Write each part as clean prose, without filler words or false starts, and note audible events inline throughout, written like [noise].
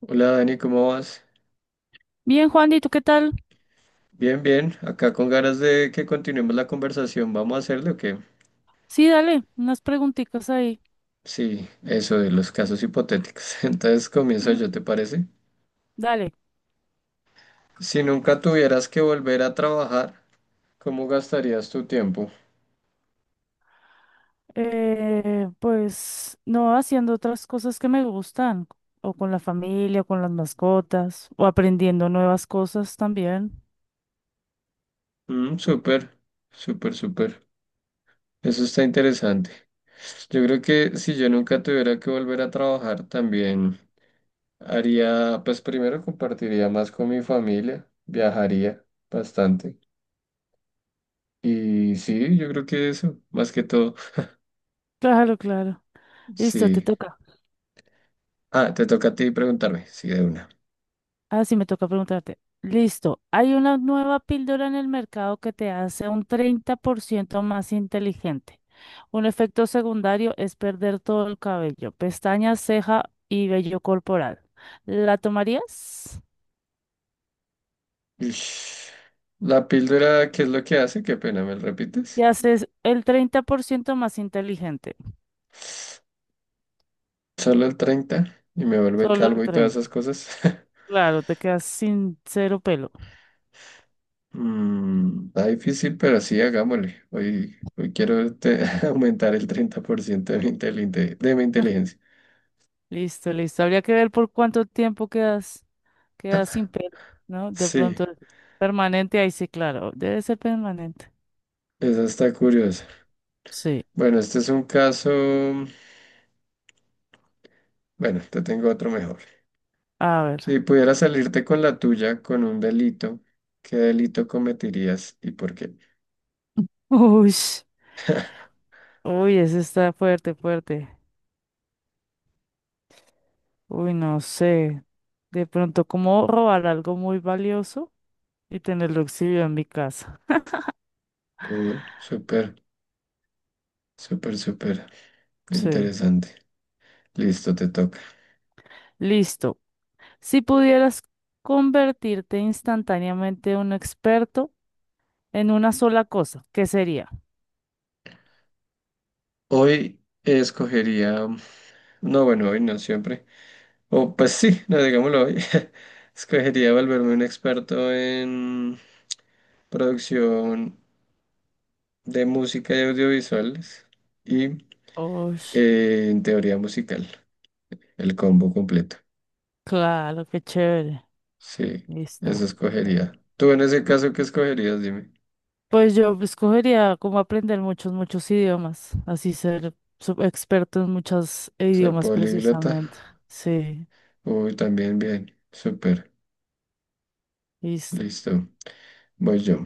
Hola Dani, ¿cómo vas? Bien, Juan, ¿y tú qué tal? Bien, bien. Acá con ganas de que continuemos la conversación. ¿Vamos a hacerlo o qué? Sí, dale, unas preguntitas ahí. Sí, eso de los casos hipotéticos. [laughs] Entonces comienzo Mm. yo, ¿te parece? Dale. Si nunca tuvieras que volver a trabajar, ¿cómo gastarías tu tiempo? Pues no haciendo otras cosas que me gustan, o con la familia, o con las mascotas, o aprendiendo nuevas cosas también. Súper, súper, súper. Eso está interesante. Yo creo que si yo nunca tuviera que volver a trabajar, también haría, pues primero compartiría más con mi familia, viajaría bastante. Y sí, yo creo que eso, más que todo, Claro, claro. Listo, te sí. toca. Ah, te toca a ti preguntarme, sí, de una. Ah, sí, me toca preguntarte. Listo, hay una nueva píldora en el mercado que te hace un 30% más inteligente. Un efecto secundario es perder todo el cabello, pestañas, ceja y vello corporal. ¿La tomarías? Ish. La píldora, ¿qué es lo que hace? Qué pena, ¿me lo repites? Te haces el 30% más inteligente. Solo el 30 y me vuelve Solo el calvo y todas esas 30. cosas. [laughs] Claro, te quedas sin cero pelo. Está difícil, pero sí, hagámosle. Hoy quiero [laughs] aumentar el 30% de mi [laughs] inteligencia. Listo, listo. Habría que ver por cuánto tiempo quedas, quedas sin pelo, ¿no? De pronto Sí, permanente, ahí sí, claro, debe ser permanente. eso está curioso. Sí, Bueno, este es un caso, bueno, te tengo otro mejor. a ver. Si pudieras salirte con la tuya con un delito, ¿qué delito cometerías y por qué? [laughs] Uy, uy, ese está fuerte, fuerte. Uy, no sé. De pronto, ¿cómo robar algo muy valioso y tenerlo exhibido en mi casa? Súper, súper, súper Sí. interesante. Listo, te toca. Listo. Si pudieras convertirte instantáneamente en un experto en una sola cosa, ¿qué sería? Hoy escogería, no, bueno, hoy no siempre. O pues sí, [laughs] no, digámoslo hoy. [laughs] Escogería volverme un experto en producción de música y audiovisuales y Uy, en teoría musical, el combo completo. claro, qué chévere. Sí, Listo. eso escogería. Tú en ese caso, ¿qué escogerías? Dime. Pues yo escogería como aprender muchos, muchos idiomas, así ser sub- experto en muchos Ser idiomas políglota. precisamente. Sí, Uy, también bien. Súper. listo, Listo. Voy yo.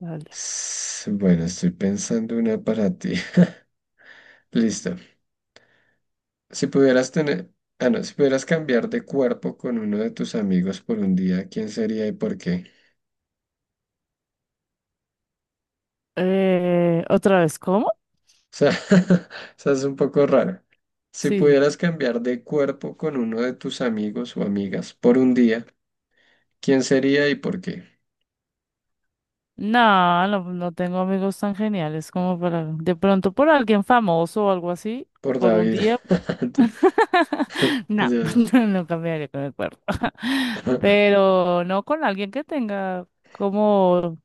dale. Bueno, estoy pensando una para ti. [laughs] Listo. Si pudieras tener, ah, no, si pudieras cambiar de cuerpo con uno de tus amigos por un día, ¿quién sería y por qué? ¿Otra vez cómo? O sea, [laughs] o sea, es un poco raro. Si Sí. pudieras cambiar de cuerpo con uno de tus amigos o amigas por un día, ¿quién sería y por qué? No, no tengo amigos tan geniales como para, de pronto por alguien famoso o algo así, Por por un David. día. [laughs] [laughs] No, Desde luego. [laughs] no cambiaría con el cuerpo. [laughs] [laughs] Pero no con alguien que tenga como.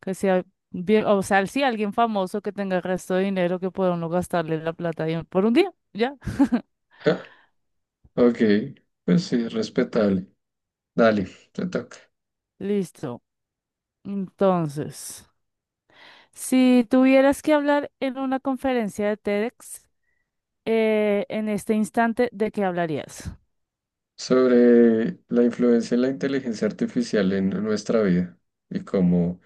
Que sea bien, o sea, sí, alguien famoso que tenga el resto de dinero que pueda uno gastarle la plata ahí por un día, ya. [laughs] [laughs] Ok, pues sí, respetable. Dale, te toca. Listo. Entonces, si tuvieras que hablar en una conferencia de TEDx, en este instante, ¿de qué hablarías? Sobre la influencia de la inteligencia artificial en nuestra vida y cómo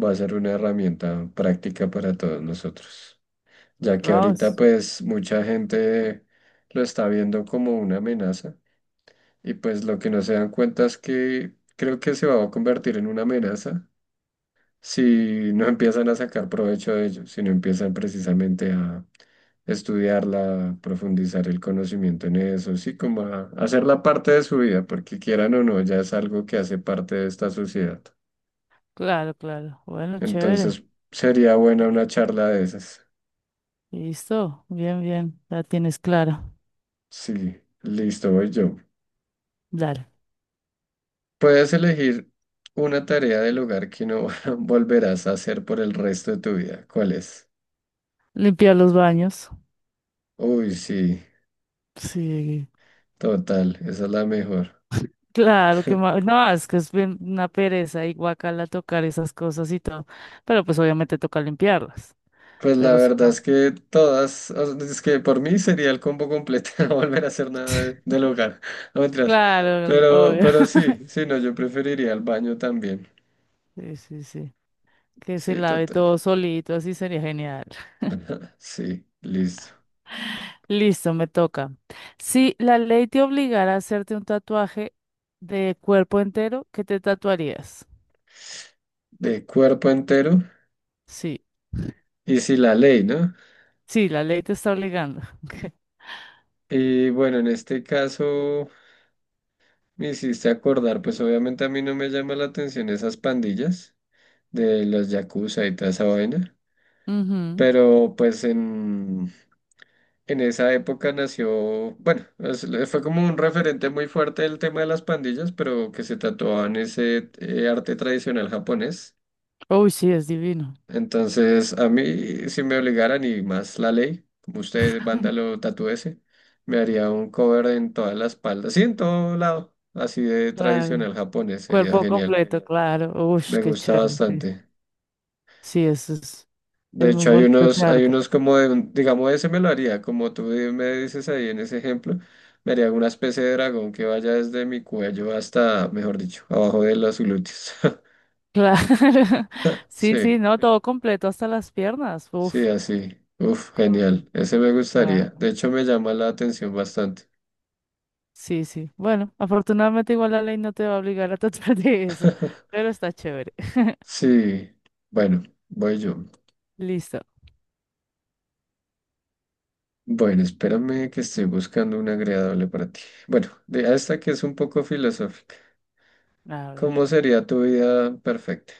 va a ser una herramienta práctica para todos nosotros. Ya que ahorita Ross. pues mucha gente lo está viendo como una amenaza y pues lo que no se dan cuenta es que creo que se va a convertir en una amenaza si no empiezan a sacar provecho de ello, si no empiezan precisamente a estudiarla, a profundizar el conocimiento en eso, sí, como a hacerla parte de su vida, porque quieran o no, ya es algo que hace parte de esta sociedad. Claro, claro. Bueno, chévere. Entonces, sería buena una charla de esas. Listo. Bien, bien. La tienes clara. Sí, listo, voy yo. Dale. Puedes elegir una tarea del hogar que no [laughs] volverás a hacer por el resto de tu vida. ¿Cuál es? Limpiar los baños. Uy, sí, Sí, total, esa es la mejor. claro que ma- no, es que es bien una pereza y guacala tocar esas cosas y todo, pero pues obviamente toca limpiarlas, Pues la pero si verdad no, es que todas, o sea, es que por mí sería el combo completo, [laughs] no volver a hacer nada [laughs] del hogar, no mentiras. claro, Pero, obvio. pero [laughs] sí, sí, no, yo preferiría el baño también. Sí, sí, sí. Que se Sí, lave total. todo solito, así sería genial. Sí, listo. Listo, me toca. Si la ley te obligara a hacerte un tatuaje de cuerpo entero, ¿qué te tatuarías? De cuerpo entero Sí, y si la ley, ¿no? sí, la ley te está obligando. [laughs] Y bueno, en este caso me hiciste acordar, pues obviamente a mí no me llama la atención esas pandillas de los yakuza y toda esa vaina, Ujú. pero pues en... En esa época nació, bueno, fue como un referente muy fuerte el tema de las pandillas, pero que se tatuaban ese arte tradicional japonés. Uy, sí, es divino. Entonces, a mí, si me obligaran y más la ley, como usted, vándalo, tatúese, me haría un cover en toda la espalda, sí, en todo lado, así de Claro. tradicional japonés, sería Cuerpo genial. completo, claro. Uy, Me qué gusta chévere. bastante. Sí, eso De es muy hecho, hay bonito ese unos, hay arte. unos como de, digamos, ese me lo haría, como me dices ahí en ese ejemplo, me haría una especie de dragón que vaya desde mi cuello hasta, mejor dicho, abajo de los glúteos. [laughs] Claro. [laughs] Sí, sí, Sí, no, todo completo hasta las piernas. sí, Uf. así. Uf, genial. Con- Ese me gustaría. claro. De hecho, me llama la atención bastante. Sí, sí. Bueno, afortunadamente igual la ley no te va a obligar a [laughs] tratar de eso, [laughs] pero está chévere. Sí, bueno, voy yo. [laughs] Listo. Bueno, espérame que estoy buscando una agradable para ti. Bueno, de esta que es un poco filosófica. A ver, ¿Cómo sería tu vida perfecta?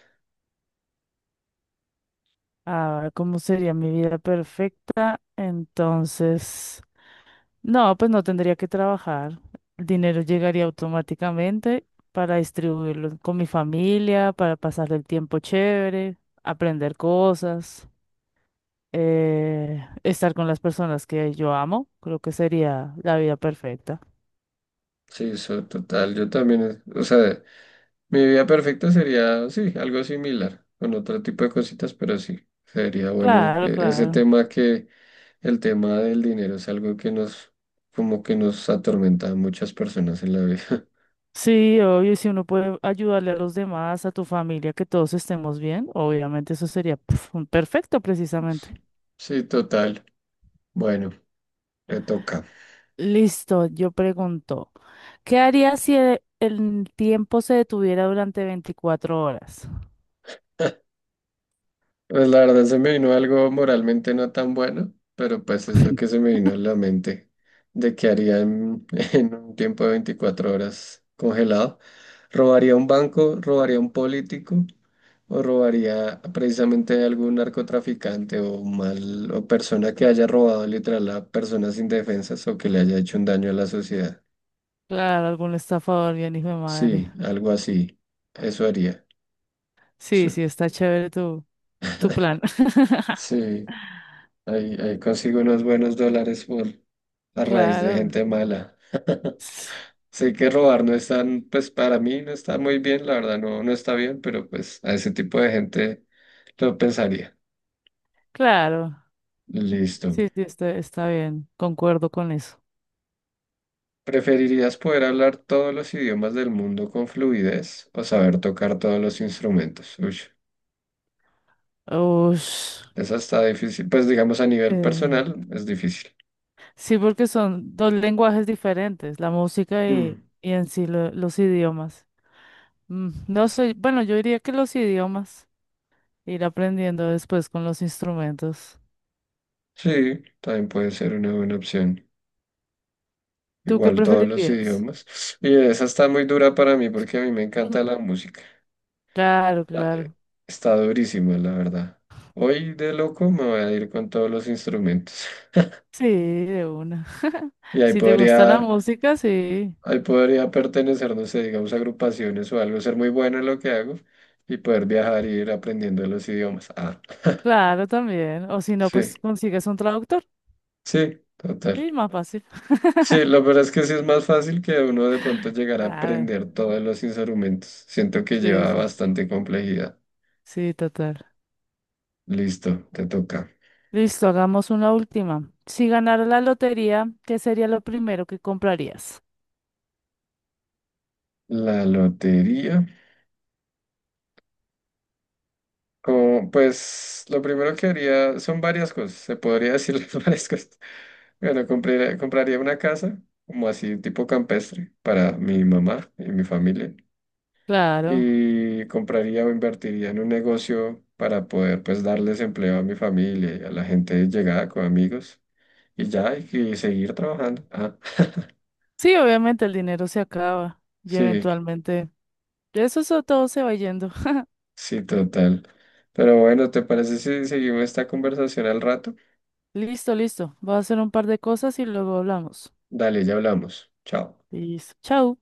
a ver, ¿cómo sería mi vida perfecta? Entonces, no, pues no tendría que trabajar. El dinero llegaría automáticamente para distribuirlo con mi familia, para pasar el tiempo chévere, aprender cosas. Estar con las personas que yo amo, creo que sería la vida perfecta. Sí, eso, total. Yo también, o sea, mi vida perfecta sería, sí, algo similar, con otro tipo de cositas, pero sí, sería bueno Claro, ese claro. tema que el tema del dinero es algo que nos, como que nos atormenta a muchas personas en la vida. Sí, obvio, y si uno puede ayudarle a los demás, a tu familia, que todos estemos bien, obviamente eso sería pf, un perfecto precisamente. [laughs] Sí, total. Bueno, le toca. Listo, yo pregunto, ¿qué harías si el tiempo se detuviera durante 24 horas? Pues la verdad se me vino algo moralmente no tan bueno, pero pues es lo que se me vino a la [laughs] mente de que haría en, [laughs] en un tiempo de 24 horas congelado. ¿Robaría un banco? ¿Robaría un político? ¿O robaría precisamente algún narcotraficante o mal o persona que haya robado literal a personas indefensas o que le haya hecho un daño a la sociedad? Claro, algún estafador, bien hijo de madre. Sí, algo así. Eso haría. Sí, Su- sí, está chévere tu, tu plan. Sí. Ahí consigo unos buenos dólares por [laughs] a raíz de Claro. gente mala. [laughs] Sé que robar no es tan, pues para mí no está muy bien, la verdad no, no está bien, pero pues a ese tipo de gente lo pensaría. Claro, Listo. sí, sí, está, está bien, concuerdo con eso. ¿Preferirías poder hablar todos los idiomas del mundo con fluidez o saber tocar todos los instrumentos? Uy, Ush, esa está difícil. Pues digamos a nivel eh, personal es difícil. sí, porque son dos lenguajes diferentes, la música Mm. y en sí lo- los idiomas. Mm, no sé, bueno, yo diría que los idiomas, ir aprendiendo después con los instrumentos. Sí, también puede ser una buena opción. ¿Tú qué Igual todos los preferirías? idiomas. Y esa está muy dura para mí porque a mí me encanta la [laughs] música. Claro, La- claro. Está durísima, la verdad. Hoy de loco me voy a ir con todos los instrumentos. [laughs] Sí, de una. [laughs] Y ahí Si te gusta la podría, música, sí, ahí podría pertenecer, no sé, digamos, a agrupaciones o algo, ser muy bueno en lo que hago y poder viajar y ir aprendiendo los idiomas. Ah, [laughs] claro, también. O si no, sí, pues consigues un traductor sí, total. y más fácil. Sí, [laughs] lo verdad es que sí es más fácil que uno de pronto llegar a Claro. aprender todos los instrumentos. Siento que Sí, lleva sí, bastante complejidad. sí, total. Listo, te toca. Listo, hagamos una última. Si ganara la lotería, ¿qué sería lo primero que comprarías? La lotería. Como, pues lo primero que haría son varias cosas, se podría decir [laughs] las varias cosas. Bueno, compraría una casa, como así tipo campestre, para mi mamá y mi familia. Claro. Y compraría o invertiría en un negocio para poder pues darles empleo a mi familia y a la gente llegada con amigos. Y ya, y seguir trabajando. Ah, Sí, obviamente el dinero se acaba y sí, eventualmente eso, eso todo se va yendo. [laughs] sí, total. Pero bueno, ¿te parece si seguimos esta conversación al rato? Listo, listo. Voy a hacer un par de cosas y luego hablamos. Dale, ya hablamos. Chao. Listo. Chao.